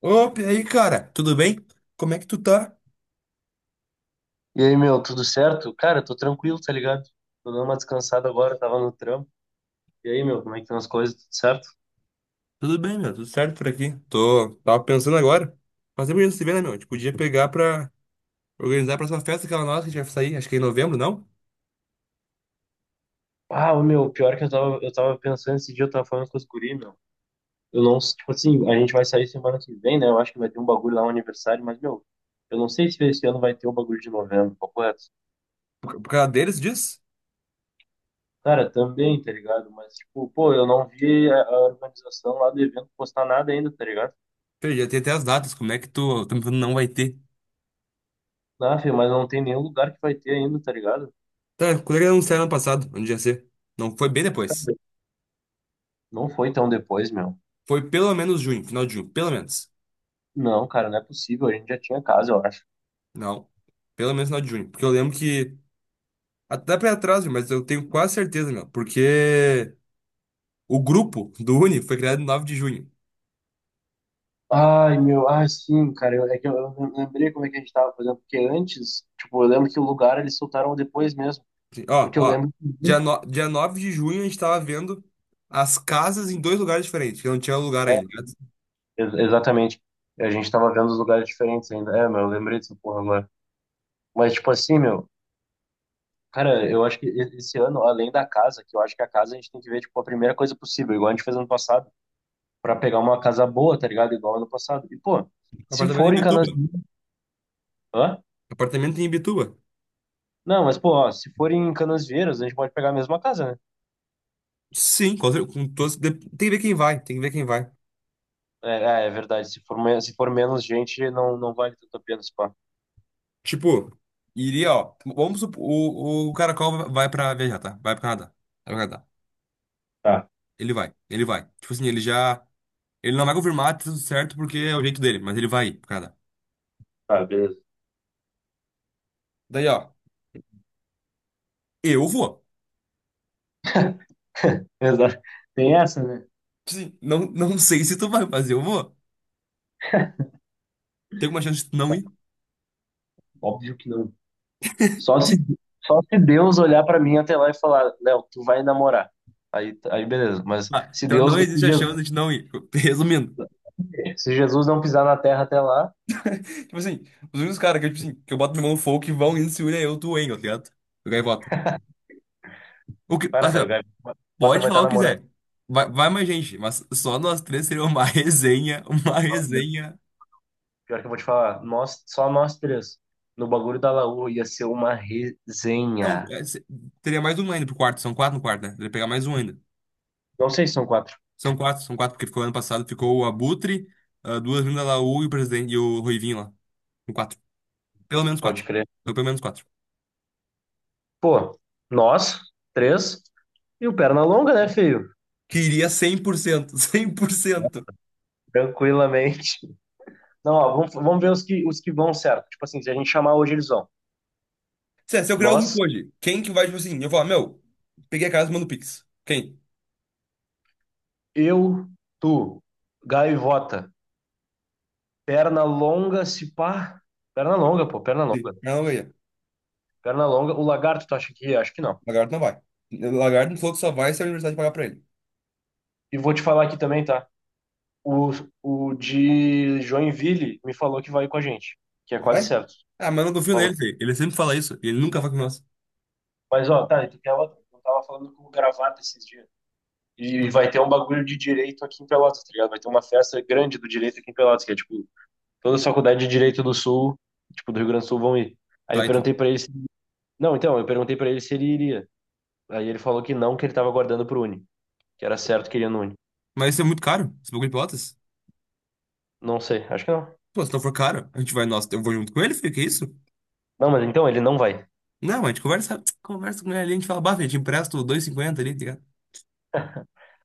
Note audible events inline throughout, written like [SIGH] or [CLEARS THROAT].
Opa, e aí, cara? Tudo bem? Como é que tu tá? E aí, meu, tudo certo? Cara, tô tranquilo, tá ligado? Tô dando uma descansada agora, tava no trampo. E aí, meu, como é que estão as coisas? Tudo certo? Tudo bem, meu. Tudo certo por aqui. Tava pensando agora. Faz tempo que a gente não se vê, né, meu? A gente podia pegar pra organizar a próxima festa, aquela nossa que a gente vai sair, acho que é em novembro, não? Ah, ô, meu, pior que eu tava pensando esse dia, eu tava falando com os guri, meu. Eu não, tipo assim, a gente vai sair semana que vem, né? Eu acho que vai ter um bagulho lá, um aniversário, mas, meu, eu não sei se esse ano vai ter o bagulho de novembro, papo reto. Por causa deles, diz? Cara, também, tá ligado? Mas, tipo, pô, eu não vi a organização lá do evento postar nada ainda, tá ligado? Perdi, já tem até as datas. Como é que tu me falando não vai ter? Ah, filho, mas não tem nenhum lugar que vai ter ainda, tá ligado? Tá, quando é que anunciaram ano passado? Onde ia ser? Não, foi bem depois. Não foi tão depois, meu. Foi pelo menos junho, final de junho, pelo menos. Não, cara, não é possível. A gente já tinha casa, eu acho. Não, pelo menos final de junho. Porque eu lembro que. Até pra ir atrás, viu, mas eu tenho quase certeza, meu. Porque. O grupo do Uni foi criado no 9 de junho. Ai, meu, ah, sim, cara, é que eu lembrei como é que a gente tava fazendo, porque antes, tipo, eu lembro que o lugar eles soltaram depois mesmo, Ó, porque eu ó. lembro Dia, que no... dia 9 de junho a gente tava vendo as casas em dois lugares diferentes, que não tinha lugar ainda, né? exatamente. A gente tava vendo os lugares diferentes ainda. É, meu, eu lembrei dessa porra agora. Mas, tipo assim, meu, cara, eu acho que esse ano, além da casa, que eu acho que a casa a gente tem que ver, tipo, a primeira coisa possível, igual a gente fez ano passado, pra pegar uma casa boa, tá ligado? Igual ano passado. E, pô, se Apartamento for em em Bituba. Canasvieiras. Hã? Apartamento em Bituba. Não, mas, pô, ó, se for em Canasvieiras, a gente pode pegar a mesma casa, né? Sim, com todos. Tem que ver quem vai, tem que ver quem vai. É verdade. Se for, se for menos gente, não, não vale tanto a pena esse pá. Tipo, iria, ó. Vamos supor, o Caracol vai pra viajar, tá? Vai pro Canadá. Vai pro Canadá. Tá, Ele vai, ele vai. Tipo assim, ele já. Ele não vai confirmar, tá tudo certo, porque é o jeito dele, mas ele vai ir pro Canadá. tá, beleza. Daí, ó, eu vou. Exato. Tem essa, né? Sim, não, não sei se tu vai, mas eu vou. Tem alguma chance de tu não ir? Tipo Óbvio que não. Só se, assim. só se Deus olhar pra mim até lá e falar, Léo, tu vai namorar. Aí, beleza. Mas Ah, se então Deus, não se existe a Jesus, chance de não ir. [LAUGHS] Resumindo. se Jesus não pisar na terra até lá, Tipo assim, os únicos caras que, eu, tipo assim, que eu boto minha mão no fogo que vão indo se une é eu, tu, hein, tá ligado? O gaivota. O que, para, assim, cara, o ó, Gaivota pode vai falar estar o que namorando. quiser. Vai, vai mais gente, mas só nós três seria uma [LAUGHS] resenha, uma resenha. Pior que eu vou te falar, nós, só nós três, no bagulho da Laú, ia ser uma É um, resenha. é, se- teria mais um ainda pro quarto, são quatro no quarto, né? Teria que pegar mais um ainda. Não sei se são quatro. São quatro, porque ficou ano passado, ficou o Abutre, ah, duas vindas da Laú e o presidente e o Ruivinho lá. São quatro. Pelo menos Pode quatro. crer. Então, pelo menos quatro. Pô, nós, três, e o perna longa, né, filho? Queria cem por cento [LAUGHS] 100%. Tranquilamente. [LAUGHS] Não, ó, vamos ver os que vão certo. Tipo assim, se a gente chamar hoje, eles vão. Se eu criar o grupo Nós, hoje, quem que vai, tipo assim, eu falar, meu, peguei a casa e mando Pix. Quem? eu, tu, gaivota, perna longa, se pá. Perna longa, pô, perna longa. Sim. Não, ganha. Perna longa. O lagarto, tu acha que? É? Acho que não. Lagarto não vai. Lagarto falou que só vai se a universidade pagar pra ele. E vou te falar aqui também, tá? O, o de Joinville me falou que vai com a gente, que é quase Vai? certo. Ah, mas eu não confio Falou. nele, Fê. Ele sempre fala isso, e ele nunca vai com nós. Mas, ó, tá, e tu quer outro? Eu tava falando com o gravata esses dias. E vai ter um bagulho de direito aqui em Pelotas, tá ligado? Vai ter uma festa grande do direito aqui em Pelotas, que é tipo, toda a faculdade de direito do Sul, tipo, do Rio Grande do Sul vão ir. Aí Tá, eu e tu? perguntei pra ele, se. Não, então, eu perguntei pra ele se ele iria. Aí ele falou que não, que ele tava aguardando pro Uni, que era certo que ele ia no Uni. Mas isso é muito caro. Esse bagulho de Pelotas. Não sei, acho que não. Pô, se não for caro, a gente vai, nossa, eu vou junto com ele, Fê, que isso? Não, mas então ele não vai. Não, a gente conversa, [TSK] conversa com ele ali, a gente fala, bah, Fê, te empresto 2,50 ali, tá ligado?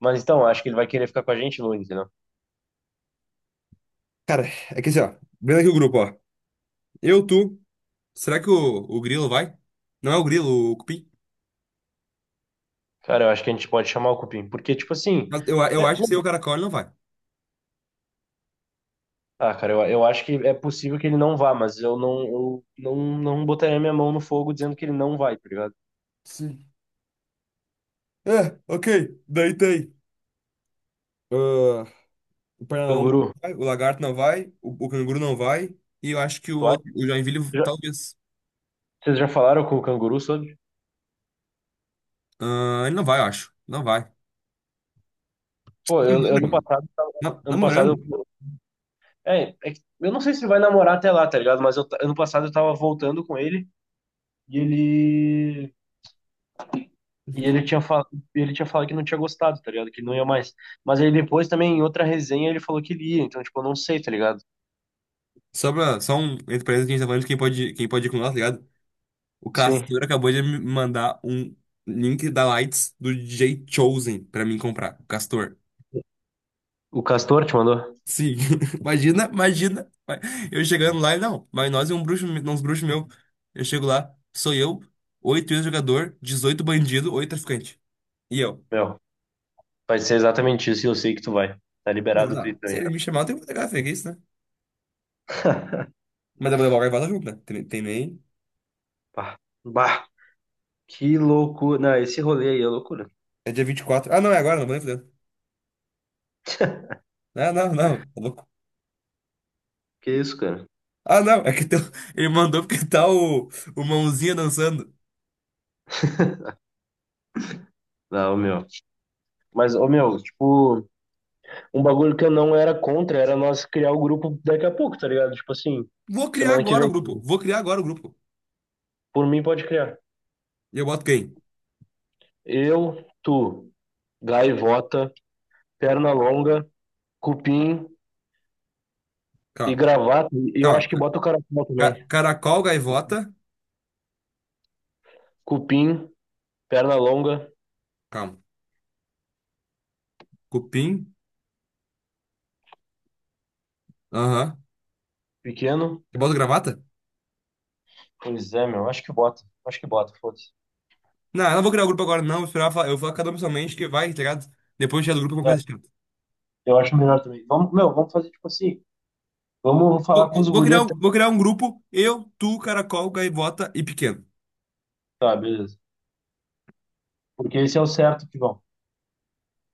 Mas então, acho que ele vai querer ficar com a gente no Uni, entendeu? Cara, é que assim, ó. Vendo aqui o grupo, ó. Eu, tu. Será que o Grilo vai? Não é o Grilo, o Cupim? Cara, eu acho que a gente pode chamar o Cupim, porque, tipo assim, Mas eu é- acho que se o Caracol ele não vai. ah, cara, eu acho que é possível que ele não vá, mas eu não botaria minha mão no fogo dizendo que ele não vai, tá ligado? Sim. É, ok. Daí tem. Ah, o Pernalonga Canguru. não vai, o Lagarto não vai, o Canguru não vai. E eu acho que o Tu acha? outro, o Joinville, Já- talvez. Vocês já falaram com o canguru sobre? Ah, ele não vai, eu acho. Não vai. Pô, eu Namora, ano meu. passado, ano passado Namorando. eu, é que eu não sei se ele vai namorar até lá, tá ligado? Mas eu ano passado eu tava voltando com ele e ele e ele tinha falado, ele tinha falado que não tinha gostado, tá ligado? Que não ia mais. Mas aí depois também em outra resenha ele falou que ele ia, então tipo, eu não sei, tá ligado? Só, pra, só um entre parênteses que a gente tá falando de quem pode ir com nós, tá ligado? O Sim. Castor acabou de me mandar um link da Lights do DJ Chosen pra mim comprar. O Castor. O Castor te mandou? Sim, [LAUGHS] imagina, imagina. Eu chegando lá, e não, vai nós e um bruxo, uns bruxos meu. Eu chego lá, sou eu, oito ex-jogador, 18 bandido, oito traficante. E eu. Meu, vai ser exatamente isso e eu sei que tu vai. Tá Não, liberado o não, Twitter se também, ele tá? me chamar, eu tenho que pegar, que isso, né? Mas eu vou levar o gaivota junto, né? Tem nem. Bah, bah, que loucura. Não, esse rolê aí é loucura. É dia 24. Ah, não, é agora, não vou nem fazer. Ah, não, não, tá louco. Que isso, cara? Ah, não, é que teu, [LAUGHS] ele mandou porque tá o mãozinha dançando. Não, meu. Mas, ô meu, tipo, um bagulho que eu não era contra era nós criar o grupo daqui a pouco, tá ligado? Tipo assim, Vou criar semana que agora o vem. grupo, vou criar agora o grupo. Por mim, pode criar. E eu boto quem? Eu, tu, gaivota, perna longa, cupim e Calma, gravata. E eu acho que calma. bota o caracol também. Caracol, gaivota, Cupim, perna longa, calma. Cupim. Aham. pequeno. Eu boto gravata? Pois é, meu, acho que bota. Acho que bota, foda-se. Não, eu não vou criar o grupo agora, não. Vou esperar, eu vou cada um pessoalmente que vai, tá ligado? Depois tirar do grupo é uma É, coisa chata. eu acho melhor também. Vamos, meu, vamos fazer tipo assim. Vamos Vou, falar com os vou- vou guri criar, até. um- vou criar um grupo, eu, tu, Caracol, Gaivota e Pequeno. Tá, beleza. Porque esse é o certo que vão.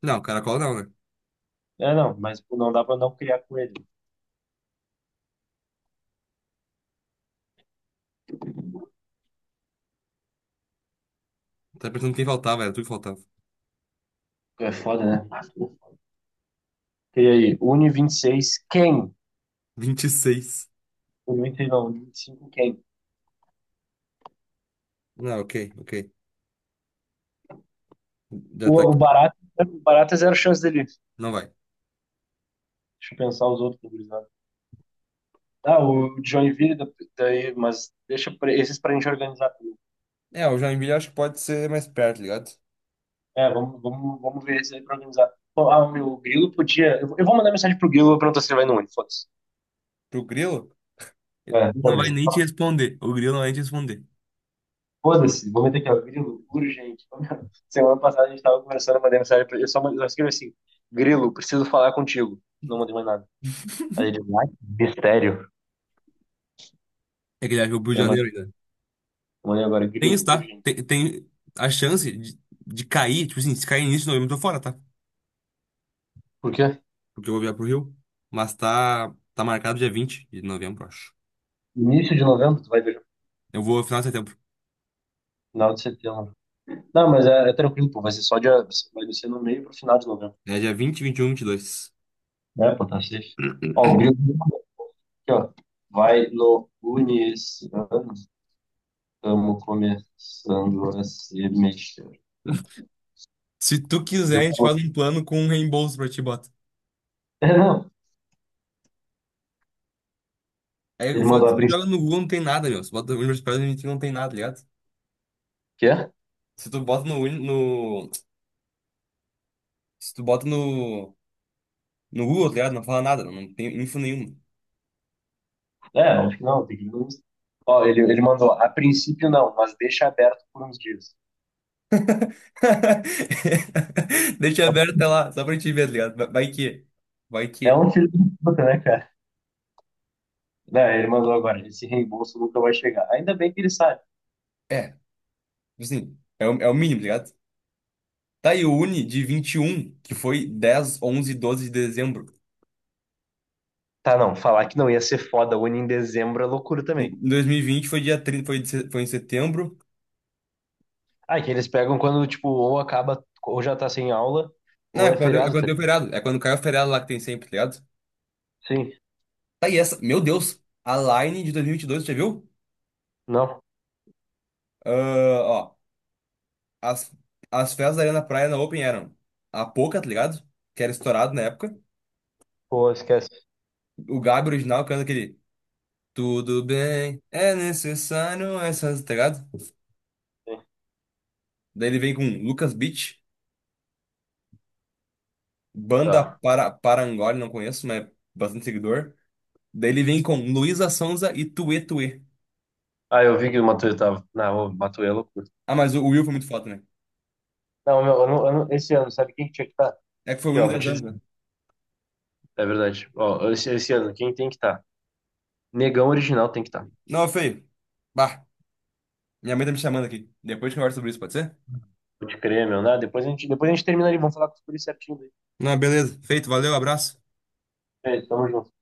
Não, Caracol não, né? É, não, mas pô, não dá pra não criar com ele. Tá pensando quem faltava, era tu que faltava. É foda, né? E aí, Uni 26, quem? 26. Uni 26 não, Uni 25, quem? Não, ok, ok. Já O, tá o aqui. Barata, o Barata é zero chance dele. Não vai. Deixa eu pensar os outros gurizada. Ah, o Joinville, daí, mas deixa esses pra gente organizar tudo. É, o Joinville acho que pode ser mais perto, ligado? É, vamos ver esses aí pra organizar. Pô, ah, o meu Grilo podia. Eu vou mandar mensagem pro Grilo, eu vou perguntar se ele vai no Uni, foda-se. Pro Grilo? É, Não vai foda-se. nem te responder. O Grilo não vai nem te responder. Foda-se, vou meter aqui, ó, Grilo, urgente. [LAUGHS] Semana passada a gente tava conversando, eu mandei mensagem pra ele, eu só escrevi assim, Grilo, preciso falar contigo. Não mandei mais nada. Aí ele, vai, mistério. É que ele acha que é o Rio de Eu mandei Janeiro ainda. eu mandei agora, Tem isso, Grilo, tá? urgente. Tem a chance de cair, tipo assim, se cair nisso, não, eu tô fora, tá? Por quê? Porque eu vou viajar pro Rio. Mas tá marcado dia 20 de novembro, acho. Início de novembro, tu vai ver. Eu vou final de setembro. Final de setembro. Não, mas é tranquilo, pô. Vai ser só dia. Vai descer no meio pro final de novembro. É dia 20, 21, 22. Né, pô, tá safe. Ó, o [CLEARS THROAT] Grilo aqui, ó. Vai no Uni esse ano. Estamos começando a se mexer. Se tu quiser, Ele a gente falou, faz um plano com um reembolso pra ti, bota. é, não. É, o Ele fato mandou é a que tu princípio. joga no Google não tem nada, meu. Se bota no Universidade a gente não tem nada, tá ligado? Que é? Se tu bota no, se tu bota no, no, Google, tá ligado? Não fala nada, não tem info nenhuma. É, acho que não, tem que ver no Insta. Ó, ele mandou, a princípio não, mas deixa aberto por uns dias. [LAUGHS] Deixa aberto até lá, só pra gente ver, tá ligado? Vai que. Vai É que. um filho da puta, né, cara? Né, ele mandou agora, esse reembolso nunca vai chegar. Ainda bem que ele sabe. É, tipo assim, é o mínimo, tá ligado? Tá, e o Uni de 21, que foi 10, 11 e 12 de dezembro. Tá, não, falar que não ia ser foda, une em dezembro é loucura Em também. 2020 foi dia 30, foi, de se- foi em setembro. Ah, que eles pegam quando, tipo, ou acaba, ou já tá sem aula, Não, ou é é quando, é feriado, quando tá? deu feriado. É quando caiu o feriado lá que tem sempre, tá ligado? Sim, Tá, e essa, meu Deus, a Line de dois mil e vinte e dois, já viu? não, Ah, ó, as, as festas da Arena Praia na Open eram a Poca, tá ligado? Que era estourado na época. pô, esquece. O Gabi original canta aquele. Tudo bem, é necessário essas, tá ligado? Sim, Daí ele vem com Lucas Beach. Banda tá. Parangolé, não conheço, mas é bastante seguidor. Daí ele vem com Luísa Sonza e Tuê Tuê. Ah, eu vi que o Matuê tava. Não, o Matuê é loucura. Ah, mas o Will foi muito foda, né? Não, meu, eu não- esse ano, sabe quem que tinha que estar? É que foi o Aqui, Will ó, em vou 10 te anos, dizer. né? É verdade. Ó, esse ano, quem tem que estar? Negão original tem que estar. Não, é feio. Bah, minha mãe tá me chamando aqui. Depois a gente conversa sobre isso, pode ser? Pode crer, meu, né? Depois a gente termina ali, vamos falar com os policiais certinho daí. Não, beleza. Feito, valeu, abraço. É, tamo junto.